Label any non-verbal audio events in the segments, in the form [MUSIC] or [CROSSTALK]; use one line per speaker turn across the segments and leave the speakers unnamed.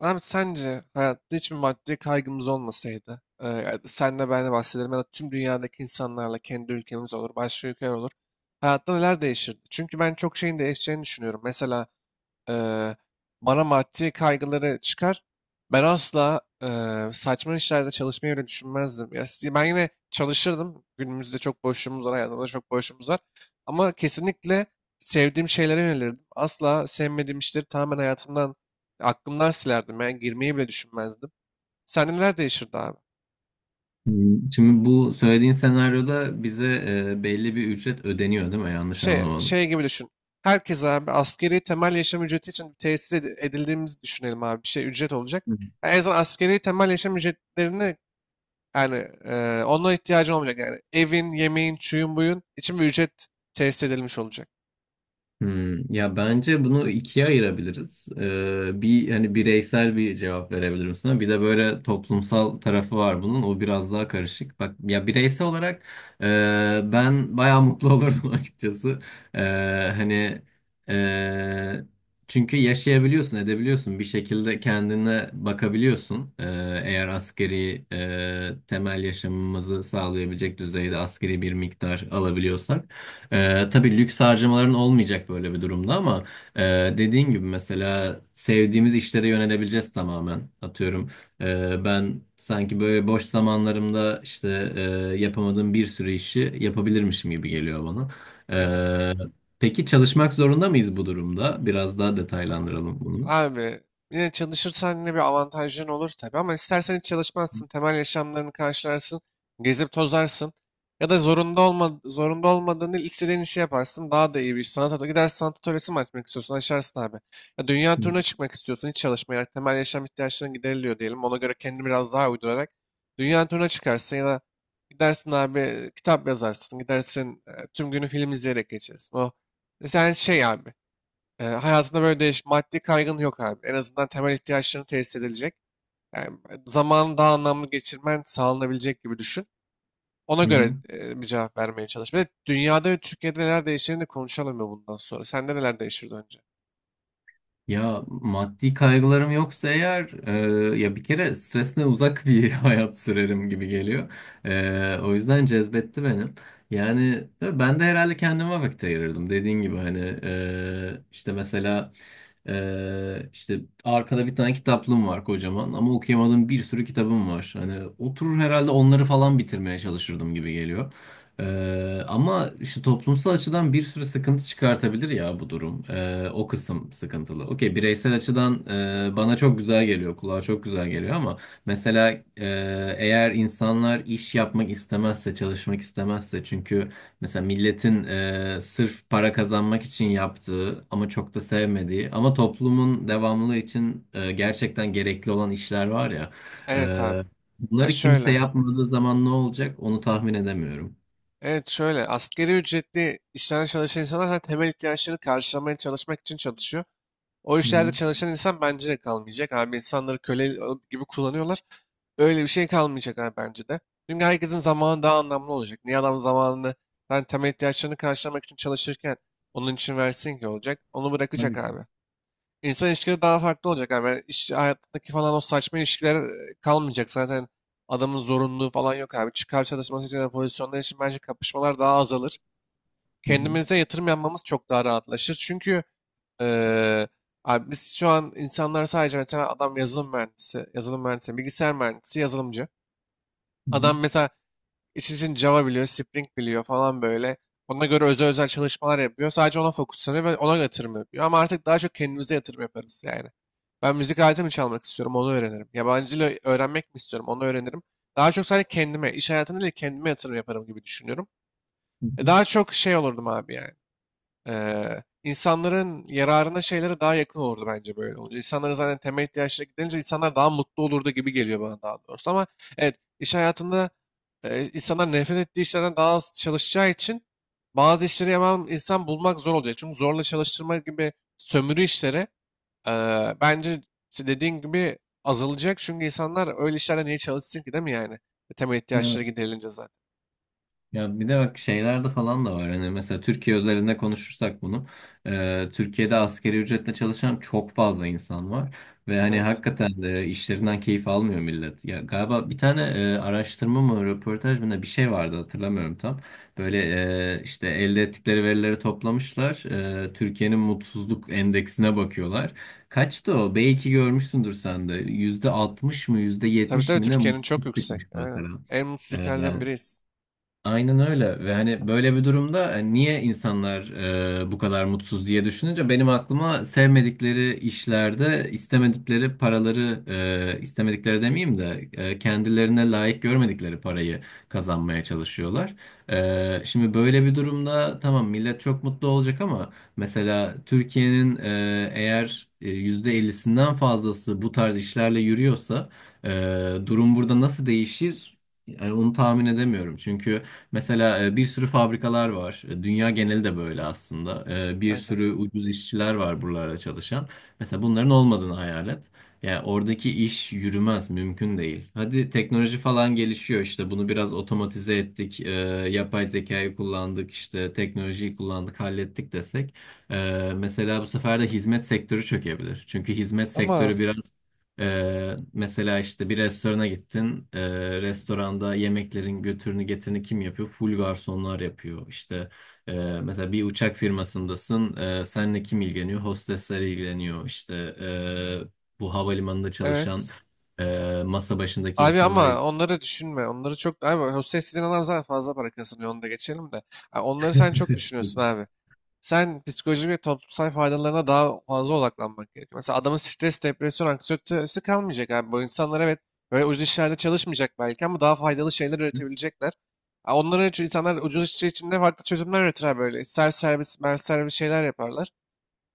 Abi sence hayatta hiçbir maddi kaygımız olmasaydı, yani senle ben de bahsederim ya da tüm dünyadaki insanlarla kendi ülkemiz olur, başka ülkeler olur. Hayatta neler değişirdi? Çünkü ben çok şeyin değişeceğini düşünüyorum. Mesela eee, bana maddi kaygıları çıkar. Ben asla saçma işlerde çalışmayı bile düşünmezdim. Ya, ben yine çalışırdım. Günümüzde çok boşluğumuz var, hayatımızda çok boşluğumuz var. Ama kesinlikle sevdiğim şeylere yönelirdim. Asla sevmediğim işleri tamamen hayatımdan, aklımdan silerdim. Yani girmeyi bile düşünmezdim. Sende neler değişirdi abi?
Hmm, şimdi bu söylediğin senaryoda bize belli bir ücret ödeniyor, değil mi? Yanlış
Şey,
anlamadım.
şey gibi düşün. Herkes abi askeri temel yaşam ücreti için edildiğimizi düşünelim abi. Bir şey ücret olacak. Yani en azından askeri temel yaşam ücretlerini. Yani onlara ihtiyacın olmayacak. Yani evin, yemeğin, çuyun, buyun için bir ücret tesis edilmiş olacak.
Hmm, ya bence bunu ikiye ayırabiliriz. Bir hani bireysel bir cevap verebilirim sana. Bir de böyle toplumsal tarafı var bunun. O biraz daha karışık. Bak ya, bireysel olarak e, ben bayağı mutlu olurdum [LAUGHS] açıkçası. Ee, hani e, Çünkü yaşayabiliyorsun, edebiliyorsun. Bir şekilde kendine bakabiliyorsun. Eğer askeri temel yaşamımızı sağlayabilecek düzeyde askeri bir miktar alabiliyorsak. Tabii lüks harcamaların olmayacak böyle bir durumda ama e, dediğin gibi mesela sevdiğimiz işlere yönelebileceğiz tamamen. Atıyorum ben sanki böyle boş zamanlarımda işte yapamadığım bir sürü işi yapabilirmişim gibi geliyor bana.
Aynen.
E, peki çalışmak zorunda mıyız bu durumda? Biraz daha detaylandıralım bunu.
Abi yine çalışırsan yine bir avantajın olur tabii ama istersen hiç çalışmazsın. Temel yaşamlarını karşılarsın. Gezip tozarsın. Ya da zorunda olmadığını istediğin işi yaparsın. Daha da iyi bir iş. Sanat atölye. Gidersin, sanat atölyesi mi açmak istiyorsun? Açarsın abi. Ya dünya turuna çıkmak istiyorsun. Hiç çalışmayarak temel yaşam ihtiyaçların gideriliyor diyelim. Ona göre kendini biraz daha uydurarak dünya turuna çıkarsın ya da gidersin abi, kitap yazarsın. Gidersin, tüm günü film izleyerek geçersin. O e, sen şey abi. Hayatında maddi kaygın yok abi. En azından temel ihtiyaçlarını tesis edilecek. Yani zamanı daha anlamlı geçirmen sağlanabilecek gibi düşün. Ona
Hı
göre
hı.
bir cevap vermeye çalış. Bir de dünyada ve Türkiye'de neler değiştiğini de konuşalım ya bundan sonra. Sende neler değişirdi önce?
Ya maddi kaygılarım yoksa eğer, ya bir kere stresle uzak bir [LAUGHS] hayat sürerim gibi geliyor. O yüzden cezbetti benim. Yani ben de herhalde kendime vakit ayırırdım dediğin gibi, hani işte mesela işte arkada bir tane kitaplığım var kocaman ama okuyamadığım bir sürü kitabım var. Hani oturur herhalde onları falan bitirmeye çalışırdım gibi geliyor. Ama işte toplumsal açıdan bir sürü sıkıntı çıkartabilir ya bu durum. O kısım sıkıntılı. Okey, bireysel açıdan bana çok güzel geliyor, kulağa çok güzel geliyor, ama mesela, e, eğer insanlar iş yapmak istemezse, çalışmak istemezse, çünkü mesela milletin, sırf para kazanmak için yaptığı ama çok da sevmediği ama toplumun devamlılığı için gerçekten gerekli olan işler var ya.
Evet abi.
e,
Ya
Bunları kimse
şöyle.
yapmadığı zaman ne olacak onu tahmin edemiyorum.
Evet şöyle. Asgari ücretli işlerde çalışan insanlar zaten temel ihtiyaçlarını karşılamaya çalışmak için çalışıyor. O
Hı
işlerde
hı.
çalışan insan bence de kalmayacak abi. İnsanları köle gibi kullanıyorlar. Öyle bir şey kalmayacak abi bence de. Çünkü herkesin zamanı daha anlamlı olacak. Niye adam zamanını ben temel ihtiyaçlarını karşılamak için çalışırken onun için versin ki olacak. Onu bırakacak
Tabii ki.
abi. İnsan ilişkileri daha farklı olacak abi. Yani İş hayatındaki falan o saçma ilişkiler kalmayacak. Zaten adamın zorunluluğu falan yok abi. Çıkar çalışması için de pozisyonlar için bence kapışmalar daha azalır.
Hı hı.
Kendimize yatırım yapmamız çok daha rahatlaşır. Çünkü Eee, abi biz şu an insanlar sadece mesela adam yazılım mühendisi, bilgisayar mühendisi, yazılımcı.
Hı hı.
Adam mesela için için Java biliyor, Spring biliyor falan böyle. Ona göre özel özel çalışmalar yapıyor. Sadece ona fokuslanıyor ve ona yatırım yapıyor. Ama artık daha çok kendimize yatırım yaparız yani. Ben müzik aleti mi çalmak istiyorum, onu öğrenirim. Yabancı dil öğrenmek mi istiyorum, onu öğrenirim. Daha çok sadece kendime, iş hayatında değil kendime yatırım yaparım gibi düşünüyorum.
Hı
E
hı.
daha çok şey olurdum abi yani, insanların yararına şeylere daha yakın olurdu bence böyle olunca. İnsanların zaten temel ihtiyaçları gidince insanlar daha mutlu olurdu gibi geliyor bana daha doğrusu. Ama evet iş hayatında insanlar nefret ettiği işlerden daha az çalışacağı için bazı işleri yapan insan bulmak zor olacak. Çünkü zorla çalıştırma gibi sömürü işleri bence dediğin gibi azalacak. Çünkü insanlar öyle işlerden niye çalışsın ki değil mi yani? Temel
Evet.
ihtiyaçları giderilince zaten.
Ya bir de bak şeylerde falan da var. Hani mesela Türkiye özelinde konuşursak bunu, Türkiye'de asgari ücretle çalışan çok fazla insan var. Ve hani
Evet.
hakikaten de işlerinden keyif almıyor millet. Ya galiba bir tane araştırma mı, röportaj mı ne bir şey vardı, hatırlamıyorum tam. Böyle işte elde ettikleri verileri toplamışlar. E, Türkiye'nin mutsuzluk endeksine bakıyorlar. Kaçtı o? Belki görmüşsündür sen de. Yüzde altmış mı, yüzde
Tabii
yetmiş
tabii,
mi ne
Türkiye'nin çok
mutsuzluk
yüksek.
çıkmış
Aynen.
mesela.
En mutsuz
Ee,
ülkelerden
Yani
biriyiz.
Aynen öyle. Ve hani böyle bir durumda hani niye insanlar bu kadar mutsuz diye düşününce benim aklıma sevmedikleri işlerde istemedikleri paraları, istemedikleri demeyeyim de kendilerine layık görmedikleri parayı kazanmaya çalışıyorlar. E, şimdi böyle bir durumda tamam millet çok mutlu olacak ama mesela Türkiye'nin, %50'sinden fazlası bu tarz işlerle yürüyorsa, e, durum burada nasıl değişir? Yani onu tahmin edemiyorum çünkü. Mesela bir sürü fabrikalar var. E, dünya geneli de böyle aslında. E, bir
Aynen.
sürü ucuz işçiler var buralarda çalışan. Mesela bunların olmadığını hayal et. Yani oradaki iş yürümez, mümkün değil. Hadi teknoloji falan gelişiyor, işte bunu biraz otomatize ettik, yapay zekayı kullandık, işte teknolojiyi kullandık, hallettik desek. E, mesela bu sefer de hizmet sektörü çökebilir. Çünkü hizmet
Ama
sektörü biraz mesela işte bir restorana gittin. Restoranda yemeklerin götürünü getirini kim yapıyor? Full garsonlar yapıyor. İşte e, mesela bir uçak firmasındasın. Seninle kim ilgileniyor? Hostesler ilgileniyor. İşte bu havalimanında çalışan
evet.
masa başındaki
Abi
insanlar
ama onları düşünme. Onları çok... Abi Hüseyin sizin adam zaten fazla para kazanıyor. Onu da geçelim de. Ha, onları sen çok düşünüyorsun
ilgileniyor.
abi. Sen psikolojik ve toplumsal faydalarına daha fazla odaklanmak gerekiyor. Mesela adamın stres, depresyon, anksiyetesi kalmayacak abi. Bu insanlar evet böyle ucuz işlerde çalışmayacak belki ama daha faydalı şeyler
Hı
üretebilecekler. Ha, onlara çünkü insanlar ucuz işçi içinde farklı çözümler üretir abi böyle. Self servis şeyler yaparlar.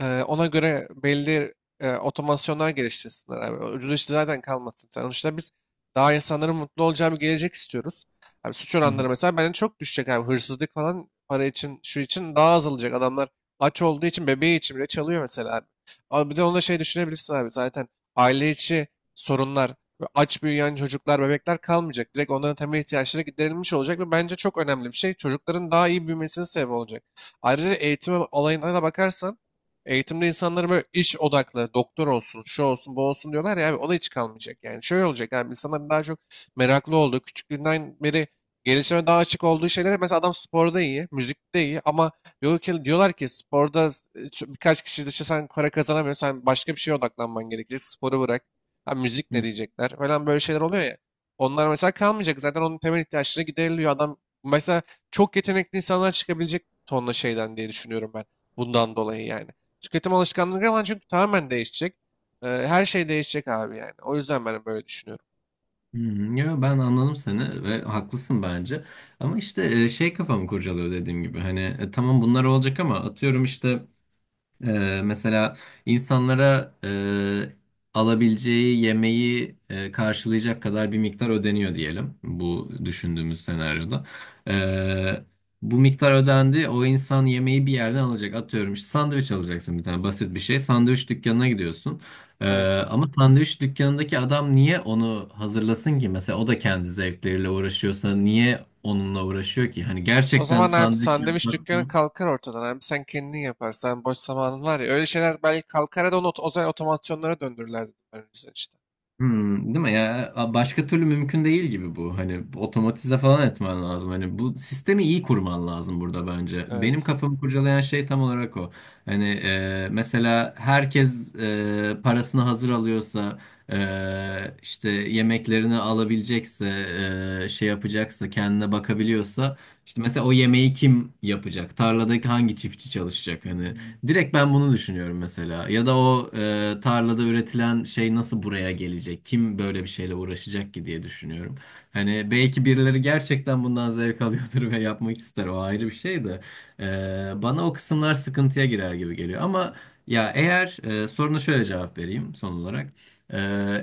Ona göre belli otomasyonlar geliştirsinler abi. O ucuz iş zaten kalmasın. Sonuçta biz daha insanların mutlu olacağı bir gelecek istiyoruz. Abi suç
hı.
oranları mesela bence çok düşecek abi. Hırsızlık falan para için, şu için daha azalacak. Adamlar aç olduğu için bebeği için bile çalıyor mesela abi. Ama bir de onda şey düşünebilirsin abi zaten aile içi sorunlar, ve aç büyüyen çocuklar, bebekler kalmayacak. Direkt onların temel ihtiyaçları giderilmiş olacak ve bence çok önemli bir şey. Çocukların daha iyi büyümesine sebep olacak. Ayrıca eğitim olayına da bakarsan, eğitimde insanlara böyle iş odaklı, doktor olsun, şu olsun, bu olsun diyorlar ya abi o da hiç kalmayacak. Yani şöyle olacak abi, insanların daha çok meraklı olduğu, küçüklüğünden beri gelişime daha açık olduğu şeylere, mesela adam sporda iyi, müzikte iyi ama diyorlar ki sporda birkaç kişi dışı sen para kazanamıyorsun, sen başka bir şeye odaklanman gerekecek, sporu bırak. Ha, müzik
Hı
ne
hı.
diyecekler falan böyle şeyler oluyor ya. Onlar mesela kalmayacak zaten onun temel ihtiyaçları gideriliyor adam. Mesela çok yetenekli insanlar çıkabilecek tonla şeyden diye düşünüyorum ben bundan dolayı yani. Tüketim alışkanlıkları falan çünkü tamamen değişecek. Her şey değişecek abi yani. O yüzden ben böyle düşünüyorum.
Yo, ben anladım seni ve haklısın bence. Ama işte şey kafamı kurcalıyor dediğim gibi. Hani tamam bunlar olacak ama atıyorum işte, mesela insanlara alabileceği yemeği karşılayacak kadar bir miktar ödeniyor diyelim bu düşündüğümüz senaryoda. Ee, Bu miktar ödendi, o insan yemeği bir yerden alacak, atıyorum işte sandviç alacaksın, bir tane basit bir şey, sandviç dükkanına gidiyorsun. Ee,
Evet.
Ama sandviç dükkanındaki adam niye onu hazırlasın ki, mesela o da kendi zevkleriyle uğraşıyorsa niye onunla uğraşıyor ki? Hani
O
gerçekten
zaman abi
sandviç
sandviç
yapmak...
dükkanı kalkar ortadan abi. Sen kendin yaparsan boş zamanın var ya. Öyle şeyler belki kalkar ya da o zaman otomasyonlara döndürürler dedim ben o yüzden işte.
Hmm, değil mi ya? Başka türlü mümkün değil gibi bu. Hani otomatize falan etmen lazım. Hani bu sistemi iyi kurman lazım burada, bence. Benim
Evet.
kafamı kurcalayan şey tam olarak o. Hani mesela herkes parasını hazır alıyorsa, e, işte yemeklerini alabilecekse, şey yapacaksa, kendine bakabiliyorsa, işte mesela o yemeği kim yapacak? Tarladaki hangi çiftçi çalışacak? Hani direkt ben bunu düşünüyorum mesela. Ya da o tarlada üretilen şey nasıl buraya gelecek? Kim böyle bir şeyle uğraşacak ki diye düşünüyorum. Hani belki birileri gerçekten bundan zevk alıyordur [LAUGHS] ve yapmak ister. O ayrı bir şey de. E, bana o kısımlar sıkıntıya girer gibi geliyor. Ama ya eğer, soruna şöyle cevap vereyim son olarak. E,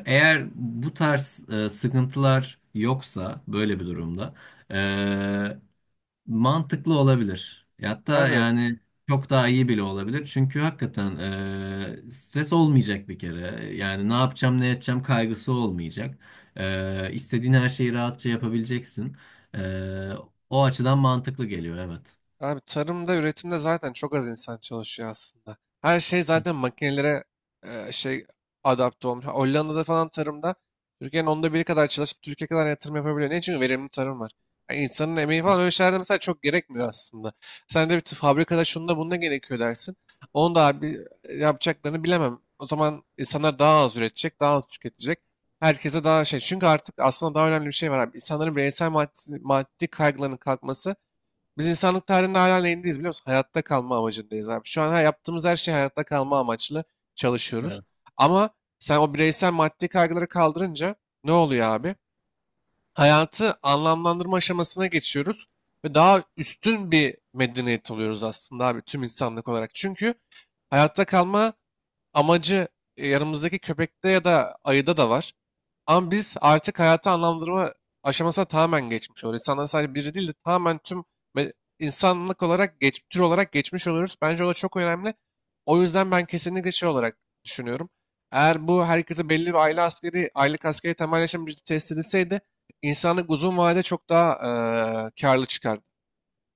Eğer bu tarz sıkıntılar yoksa böyle bir durumda, e, mantıklı olabilir. E, hatta
Abi
yani çok daha iyi bile olabilir. Çünkü hakikaten stres olmayacak bir kere. Yani ne yapacağım ne edeceğim kaygısı olmayacak. E, istediğin her şeyi rahatça yapabileceksin. E, o açıdan mantıklı geliyor, evet.
Abi tarımda, üretimde zaten çok az insan çalışıyor aslında. Her şey
Hı.
zaten makinelere e, şey adapte olmuş. Hollanda'da falan tarımda Türkiye'nin onda biri kadar çalışıp Türkiye kadar yatırım yapabiliyor. Niye? Çünkü verimli tarım var. Yani insanın emeği falan öyle şeylerde mesela çok gerekmiyor aslında. Sen de fabrikada şunda bunda gerekiyor dersin. Onu da abi yapacaklarını bilemem. O zaman insanlar daha az üretecek, daha az tüketecek. Herkese daha şey. Çünkü artık aslında daha önemli bir şey var abi. İnsanların bireysel maddi kaygılarının kalkması, biz insanlık tarihinde hala neyindeyiz biliyor musun? Hayatta kalma amacındayız abi. Şu an yaptığımız her şey hayatta kalma amaçlı çalışıyoruz.
Evet.
Ama sen o bireysel maddi kaygıları kaldırınca ne oluyor abi? Hayatı anlamlandırma aşamasına geçiyoruz ve daha üstün bir medeniyet oluyoruz aslında abi tüm insanlık olarak. Çünkü hayatta kalma amacı yanımızdaki köpekte ya da ayıda da var. Ama biz artık hayatı anlamlandırma aşamasına tamamen geçmiş oluyoruz. İnsanların sadece biri değil de tamamen tüm me- insanlık olarak, tür olarak geçmiş oluyoruz. Bence o da çok önemli. O yüzden ben kesinlikle şey olarak düşünüyorum. Eğer bu herkese belli bir aile askeri, aylık askeri temelleşen ücreti test edilseydi insanlık uzun vadede çok daha karlı çıkardı.